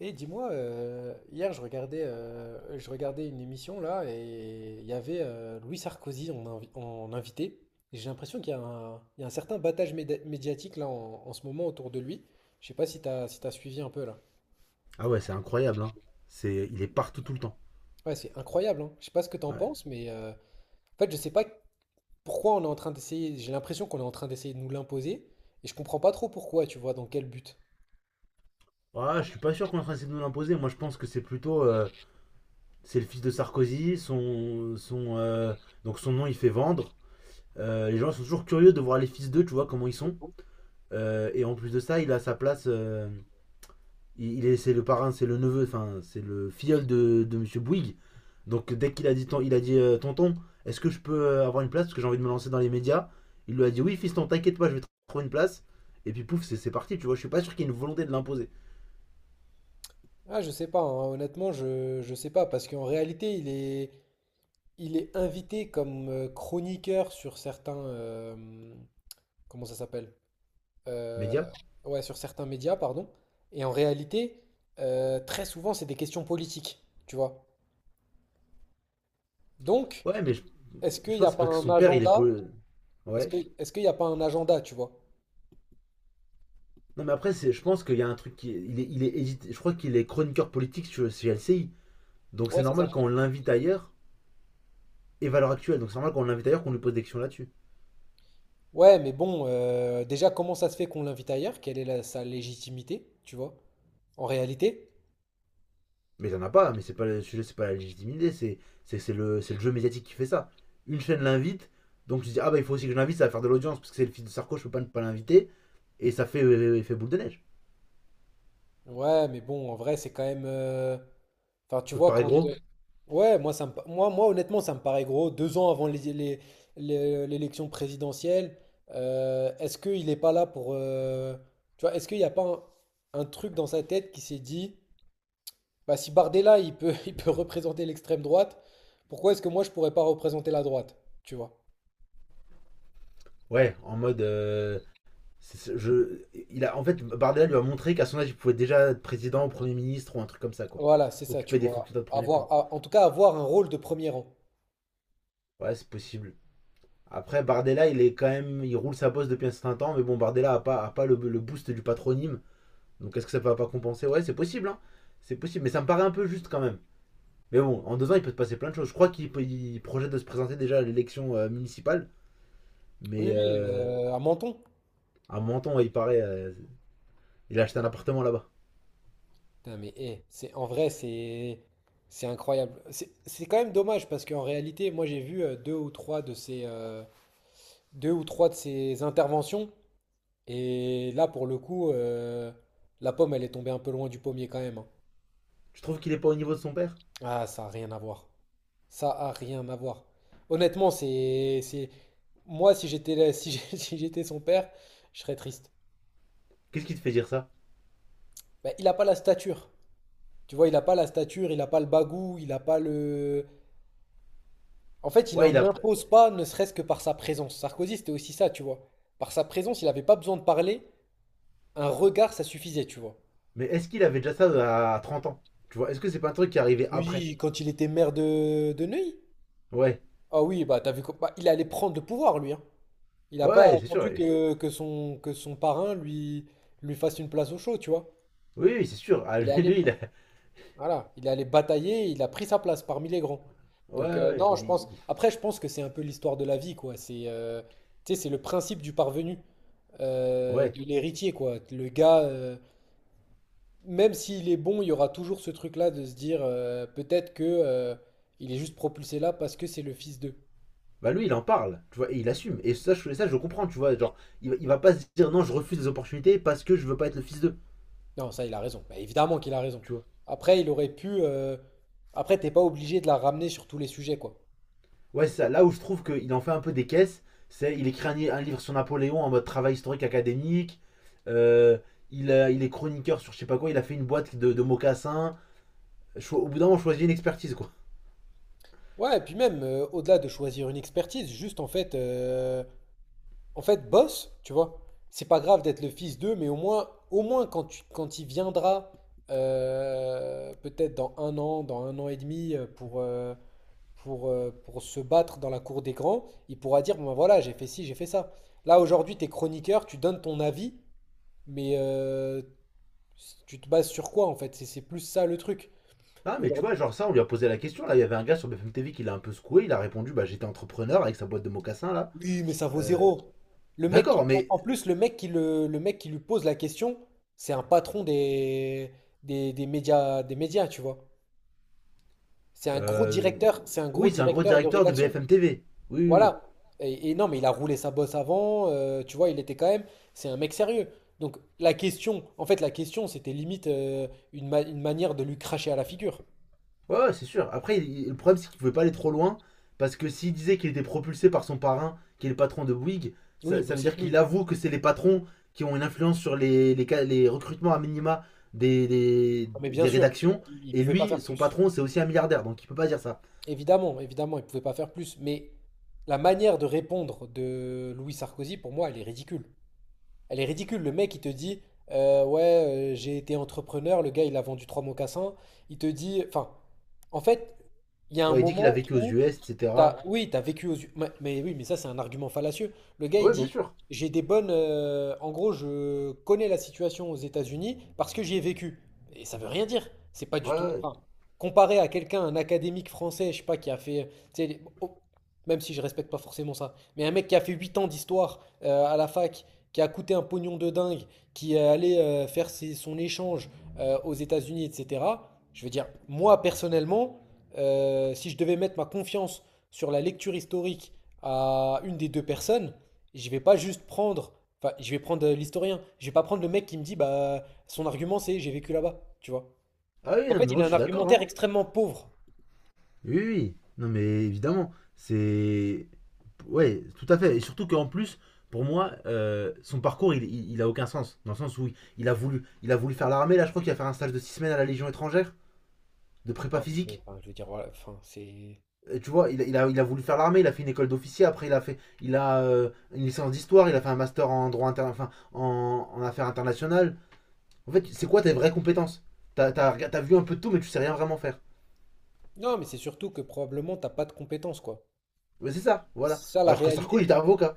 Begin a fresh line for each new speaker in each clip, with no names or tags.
Et dis-moi, hier je regardais une émission là et il y avait Louis Sarkozy en invité. Et j'ai l'impression qu'il y a un certain battage médiatique là en ce moment autour de lui. Je sais pas si t'as suivi un peu là.
Ah ouais, c'est incroyable. Hein. Il est partout tout le temps.
Ouais, c'est incroyable, hein. Je sais pas ce que t'en
Ouais.
penses, mais en fait je sais pas pourquoi on est en train d'essayer. J'ai l'impression qu'on est en train d'essayer de nous l'imposer et je comprends pas trop pourquoi, tu vois, dans quel but.
Ah, je suis pas sûr qu'on est en train d'essayer de nous l'imposer. Moi, je pense que c'est plutôt, c'est le fils de Sarkozy. Son, donc son nom, il fait vendre. Les gens sont toujours curieux de voir les fils d'eux, tu vois comment ils sont. Et en plus de ça, il a sa place. C'est le parrain, c'est le neveu, enfin, c'est le filleul de Monsieur Bouygues. Donc dès qu'il a dit tonton, est-ce que je peux avoir une place parce que j'ai envie de me lancer dans les médias. Il lui a dit oui, fiston, t'inquiète pas, je vais te trouver une place. Et puis pouf, c'est parti, tu vois. Je suis pas sûr qu'il y ait une volonté de l'imposer.
Ah, je sais pas, hein, honnêtement, je sais pas parce qu'en réalité il est. Il est invité comme chroniqueur sur certains. Comment ça s'appelle? Euh,
Média.
ouais, sur certains médias, pardon. Et en réalité, très souvent, c'est des questions politiques, tu vois. Donc,
Ouais, mais je,
est-ce qu'il
je
n'y
pense
a
que c'est
pas
parce que
un
son père, il est
agenda?
poli-.
Est-ce
Ouais.
que, est-ce qu'il n'y a pas un agenda, tu vois?
Non, mais après, je pense qu'il y a un truc qui. Il est édité-. Je crois qu'il est chroniqueur politique chez LCI. Donc
Ouais,
c'est
c'est ça.
normal quand on l'invite ailleurs et Valeur Actuelle. Donc c'est normal quand on l'invite ailleurs qu'on lui pose des questions là-dessus.
Ouais, mais bon, déjà, comment ça se fait qu'on l'invite ailleurs? Quelle est sa légitimité, tu vois? En réalité?
Mais il en a pas, mais c'est pas le sujet, c'est pas la légitimité, c'est le jeu médiatique qui fait ça. Une chaîne l'invite, donc tu dis ah bah il faut aussi que je l'invite, ça va faire de l'audience parce que c'est le fils de Sarko, je peux pas ne pas l'inviter, et ça fait effet boule de neige.
Ouais, mais bon, en vrai, c'est quand même, enfin, tu
Ça te
vois,
paraît
quand.
gros?
Ouais, moi, ça me pa- moi, moi, honnêtement, ça me paraît gros. Deux ans avant l'élection présidentielle, est-ce qu'il n'est pas là pour. Tu vois, est-ce qu'il n'y a pas un truc dans sa tête qui s'est dit, bah, si Bardella, il peut, il peut représenter l'extrême droite, pourquoi est-ce que moi, je pourrais pas représenter la droite? Tu vois.
Ouais, en mode je il a en fait Bardella lui a montré qu'à son âge il pouvait déjà être président, premier ministre ou un truc comme ça quoi,
Voilà, c'est ça, tu
occuper des
vois.
fonctions de premier plan.
En tout cas, avoir un rôle de premier rang.
Ouais, c'est possible. Après Bardella, il est quand même il roule sa bosse depuis un certain temps, mais bon Bardella a pas le boost du patronyme. Donc est-ce que ça va pas compenser? Ouais, c'est possible, hein. C'est possible, mais ça me paraît un peu juste quand même. Mais bon, en 2 ans, il peut se passer plein de choses. Je crois qu'il il projette de se présenter déjà à l'élection municipale,
Oui,
mais
oui, à Menton.
à Menton, ouais, il paraît, il a acheté un appartement là-bas.
Putain, mais eh, c'est en vrai, c'est incroyable. C'est quand même dommage parce qu'en réalité, moi j'ai vu deux ou trois de ces interventions et là pour le coup, la pomme elle est tombée un peu loin du pommier quand même, hein.
Tu trouves qu'il est pas au niveau de son père?
Ah, ça a rien à voir. Ça a rien à voir. Honnêtement, c'est moi si j'étais là- si j'étais son père, je serais triste.
Qu'est-ce qui te fait dire ça?
Bah, il a pas la stature. Tu vois, il a pas la stature, il a pas le bagou, il a pas le. En fait, il
Ouais, il
n'en
a.
impose pas, ne serait-ce que par sa présence. Sarkozy, c'était aussi ça, tu vois. Par sa présence, il n'avait pas besoin de parler. Un regard, ça suffisait, tu vois.
Mais est-ce qu'il avait déjà ça à 30 ans? Tu vois, est-ce que c'est pas un truc qui est arrivé après?
Oui, quand il était maire de Neuilly.
Ouais,
Ah oui, bah il allait prendre le pouvoir, lui, hein. Il n'a pas
ouais, c'est sûr.
attendu que son parrain lui fasse une place au chaud, tu vois.
Oui, oui, c'est sûr. Ah,
Il est
lui,
allé,
lui, il a.
voilà, il est allé batailler, il a pris sa place parmi les grands.
Ouais,
Donc
ouais,
non,
il
je
est.
pense. Après, je pense que c'est un peu l'histoire de la vie, quoi. Tu sais, c'est le principe du parvenu,
Ouais.
de l'héritier, quoi. Le gars, même s'il est bon, il y aura toujours ce truc-là de se dire peut-être que il est juste propulsé là parce que c'est le fils d'eux.
Bah lui il en parle, tu vois, et il assume. Et ça, je comprends, tu vois, genre, il va pas se dire non, je refuse les opportunités parce que je veux pas être le fils d'eux,
Non, ça, il a raison. Bah, évidemment qu'il a raison.
tu vois.
Après, il aurait pu. Après, t'es pas obligé de la ramener sur tous les sujets, quoi.
Ouais, c'est ça, là où je trouve qu'il en fait un peu des caisses, c'est il écrit un livre sur Napoléon en mode travail historique académique, euh, il est chroniqueur sur je sais pas quoi, il a fait une boîte de mocassins. Au bout d'un moment, on choisit une expertise, quoi.
Ouais, et puis même, au-delà de choisir une expertise, juste en fait, bosse, tu vois. C'est pas grave d'être le fils d'eux, mais au moins, quand quand il viendra, peut-être dans un an et demi, pour se battre dans la cour des grands, il pourra dire, bon ben voilà, j'ai fait ci, j'ai fait ça. Là, aujourd'hui, t'es chroniqueur, tu donnes ton avis, mais tu te bases sur quoi, en fait? C'est plus ça le truc.
Ah, mais tu
Aujourd'hui.
vois, genre ça, on lui a posé la question, là, il y avait un gars sur BFM TV qui l'a un peu secoué, il a répondu, bah j'étais entrepreneur avec sa boîte de mocassins, là.
Oui, mais ça vaut
Euh,
zéro. Le mec qui,
D'accord,
en
mais
en plus, le mec qui lui pose la question, c'est un patron des médias, tu vois.
euh,
C'est un gros
Oui, c'est un gros
directeur de
directeur de
rédaction.
BFM TV. Oui, oui, oui.
Voilà. Et non, mais il a roulé sa bosse avant, tu vois, il était quand même, c'est un mec sérieux. Donc la question, c'était limite une manière de lui cracher à la figure.
Ouais, ouais, c'est sûr. Après, le problème, c'est qu'il pouvait pas aller trop loin, parce que s'il disait qu'il était propulsé par son parrain, qui est le patron de Bouygues,
Oui,
ça,
bon,
ça veut
c'est
dire
plus.
qu'il avoue que c'est les patrons qui ont une influence sur les recrutements à minima des, des,
Non, mais bien
des
sûr,
rédactions,
il
et
pouvait pas
lui,
faire
son
plus.
patron, c'est aussi un milliardaire, donc il peut pas dire ça.
Évidemment, évidemment, il pouvait pas faire plus, mais la manière de répondre de Louis Sarkozy, pour moi, elle est ridicule. Elle est ridicule. Le mec, il te dit, ouais, j'ai été entrepreneur, le gars, il a vendu trois mocassins. Il te dit, enfin, en fait, il y a un
Ouais, il dit qu'il a
moment
vécu aux
où.
US, etc.
Oui, t'as vécu aux yeux. Mais oui, mais ça, c'est un argument fallacieux. Le gars, il
Ouais, bien
dit,
sûr.
j'ai des bonnes. En gros, je connais la situation aux États-Unis parce que j'y ai vécu. Et ça veut rien dire. C'est pas du
Ouais, ouais.
tout,
Ouais.
enfin, comparé à quelqu'un, un académique français, je sais pas, qui a fait. Tu sais, oh, même si je respecte pas forcément ça, mais un mec qui a fait 8 ans d'histoire à la fac, qui a coûté un pognon de dingue, qui est allé faire son échange aux États-Unis, etc. Je veux dire, moi, personnellement. Si je devais mettre ma confiance sur la lecture historique à une des deux personnes, je vais pas juste prendre, enfin, je vais prendre l'historien, je vais pas prendre le mec qui me dit, bah, son argument c'est j'ai vécu là-bas, tu vois.
Ah oui,
En
non, mais
fait, il
moi,
a
je
un
suis d'accord,
argumentaire
hein.
extrêmement pauvre.
Oui, oui, oui. Non mais évidemment, c'est. Ouais, tout à fait. Et surtout qu'en plus, pour moi, son parcours, il a aucun sens. Dans le sens où il a voulu faire l'armée, là je crois qu'il va faire un stage de 6 semaines à la Légion étrangère, de prépa
Ah, mais,
physique.
enfin, je veux dire, voilà, enfin, c'est.
Tu vois, il a voulu faire l'armée, il a fait une école d'officier, après il a une licence d'histoire, il a fait un master en enfin, en affaires internationales. En fait, c'est quoi tes vraies compétences? T'as vu un peu de tout, mais tu sais rien vraiment faire.
Non, mais c'est surtout que probablement t'as pas de compétences, quoi.
Mais c'est ça, voilà.
C'est ça la
Alors que Sarko, il
réalité.
était avocat.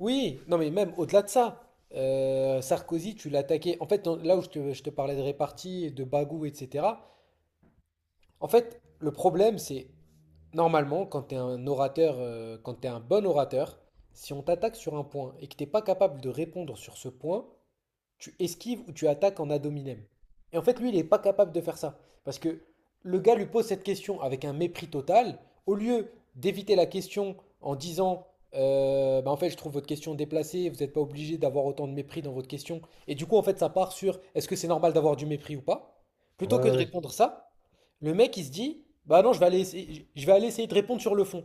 Oui, non, mais même au-delà de ça, Sarkozy, tu l'attaquais. En fait, là où je te parlais de répartie, de bagou, etc., en fait, le problème, c'est normalement, quand tu es un bon orateur, si on t'attaque sur un point et que tu n'es pas capable de répondre sur ce point, tu esquives ou tu attaques en ad hominem. Et en fait, lui, il n'est pas capable de faire ça. Parce que le gars lui pose cette question avec un mépris total. Au lieu d'éviter la question en disant bah, en fait, je trouve votre question déplacée, vous n'êtes pas obligé d'avoir autant de mépris dans votre question. Et du coup, en fait, ça part sur est-ce que c'est normal d'avoir du mépris ou pas. Plutôt que
Ouais,
de
ouais.
répondre ça, le mec, il se dit bah non, je vais aller essayer de répondre sur le fond.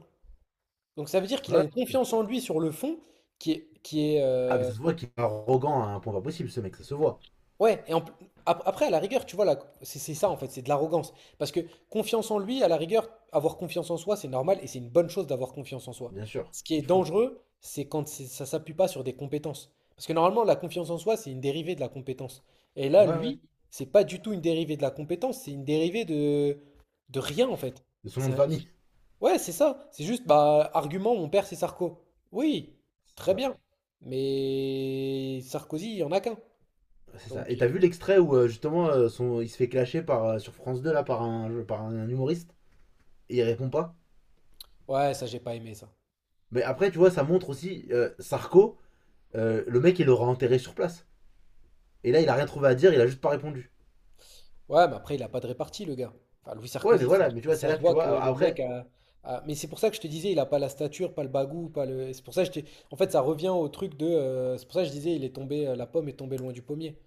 Donc ça veut dire qu'il
Ouais.
a une
Ouais.
confiance en lui sur le fond qui est, qui est,
Ah, mais
euh,
ça se voit qu'il est arrogant à un point pas possible, ce mec, ça se voit.
Ouais, et après, à la rigueur, tu vois, là, c'est ça en fait, c'est de l'arrogance. Parce que confiance en lui, à la rigueur, avoir confiance en soi, c'est normal et c'est une bonne chose d'avoir confiance en soi.
Bien sûr,
Ce qui est
il faut.
dangereux, c'est quand ça s'appuie pas sur des compétences. Parce que normalement, la confiance en soi, c'est une dérivée de la compétence. Et là,
Ouais, ouais.
lui, c'est pas du tout une dérivée de la compétence, c'est une dérivée de rien en fait.
De son nom
C'est
de
un-
famille.
Ouais, c'est ça. C'est juste, bah, argument, mon père, c'est Sarko. Oui,
C'est
très
ça.
bien. Mais Sarkozy, il y en a qu'un.
C'est ça.
Donc.
Et t'as
euh,
vu l'extrait où justement son... il se fait clasher par, sur France 2 là, par un humoriste et il répond pas?
Ouais, ça, j'ai pas aimé ça.
Mais après, tu vois, ça montre aussi Sarko, le mec il l'aura enterré sur place. Et là, il a rien trouvé à dire, il a juste pas répondu.
Ouais, mais après, il a pas de répartie, le gars. Enfin, Louis
Ouais, mais
Sarkozy,
voilà, mais tu vois, c'est
ça
là
se
que tu
voit que
vois.
le mec
Après,
a. Mais c'est pour ça que je te disais, il a pas la stature, pas le bagou, pas le. C'est pour ça que je t'ai- En fait, ça revient au truc de. C'est pour ça que je disais, la pomme est tombée loin du pommier.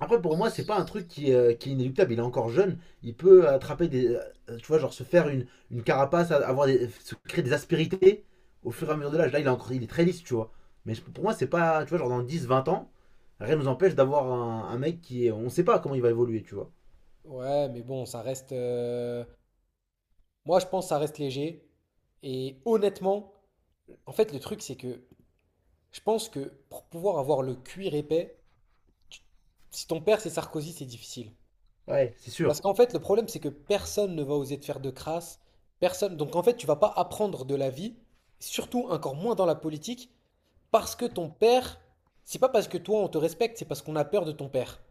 après, pour moi, c'est pas un truc qui est inéluctable. Il est encore jeune. Il peut attraper des. Tu vois, genre se faire une carapace, se créer des aspérités au fur et à mesure de l'âge. Là, il est, encore, il est très lisse, tu vois. Mais pour moi, c'est pas. Tu vois, genre dans 10 20 ans, rien nous empêche d'avoir un mec qui est. On sait pas comment il va évoluer, tu vois.
Ouais, mais bon, ça reste. Moi, je pense que ça reste léger. Et honnêtement, en fait, le truc, c'est que je pense que pour pouvoir avoir le cuir épais, tu- si ton père c'est Sarkozy, c'est difficile.
Ouais, c'est
Parce
sûr.
qu'en fait, le problème, c'est que personne ne va oser te faire de crasse. Personne. Donc en fait, tu vas pas apprendre de la vie, surtout encore moins dans la politique, parce que ton père, c'est pas parce que toi on te respecte, c'est parce qu'on a peur de ton père.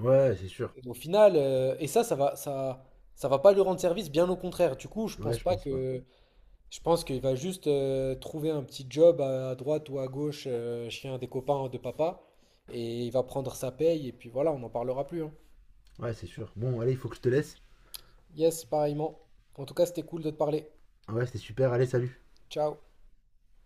Ouais, c'est sûr.
Et au final, et ça, ça va pas lui rendre service, bien au contraire. Du coup, je
Ouais,
pense
je
pas
pense pas.
que, je pense qu'il va juste trouver un petit job à droite ou à gauche, chez un des copains de papa, et il va prendre sa paye, et puis voilà, on n'en parlera plus, hein.
Ouais, c'est sûr. Bon, allez, il faut que je te laisse.
Yes, pareillement. En tout cas, c'était cool de te parler.
Ouais, c'était super. Allez, salut.
Ciao.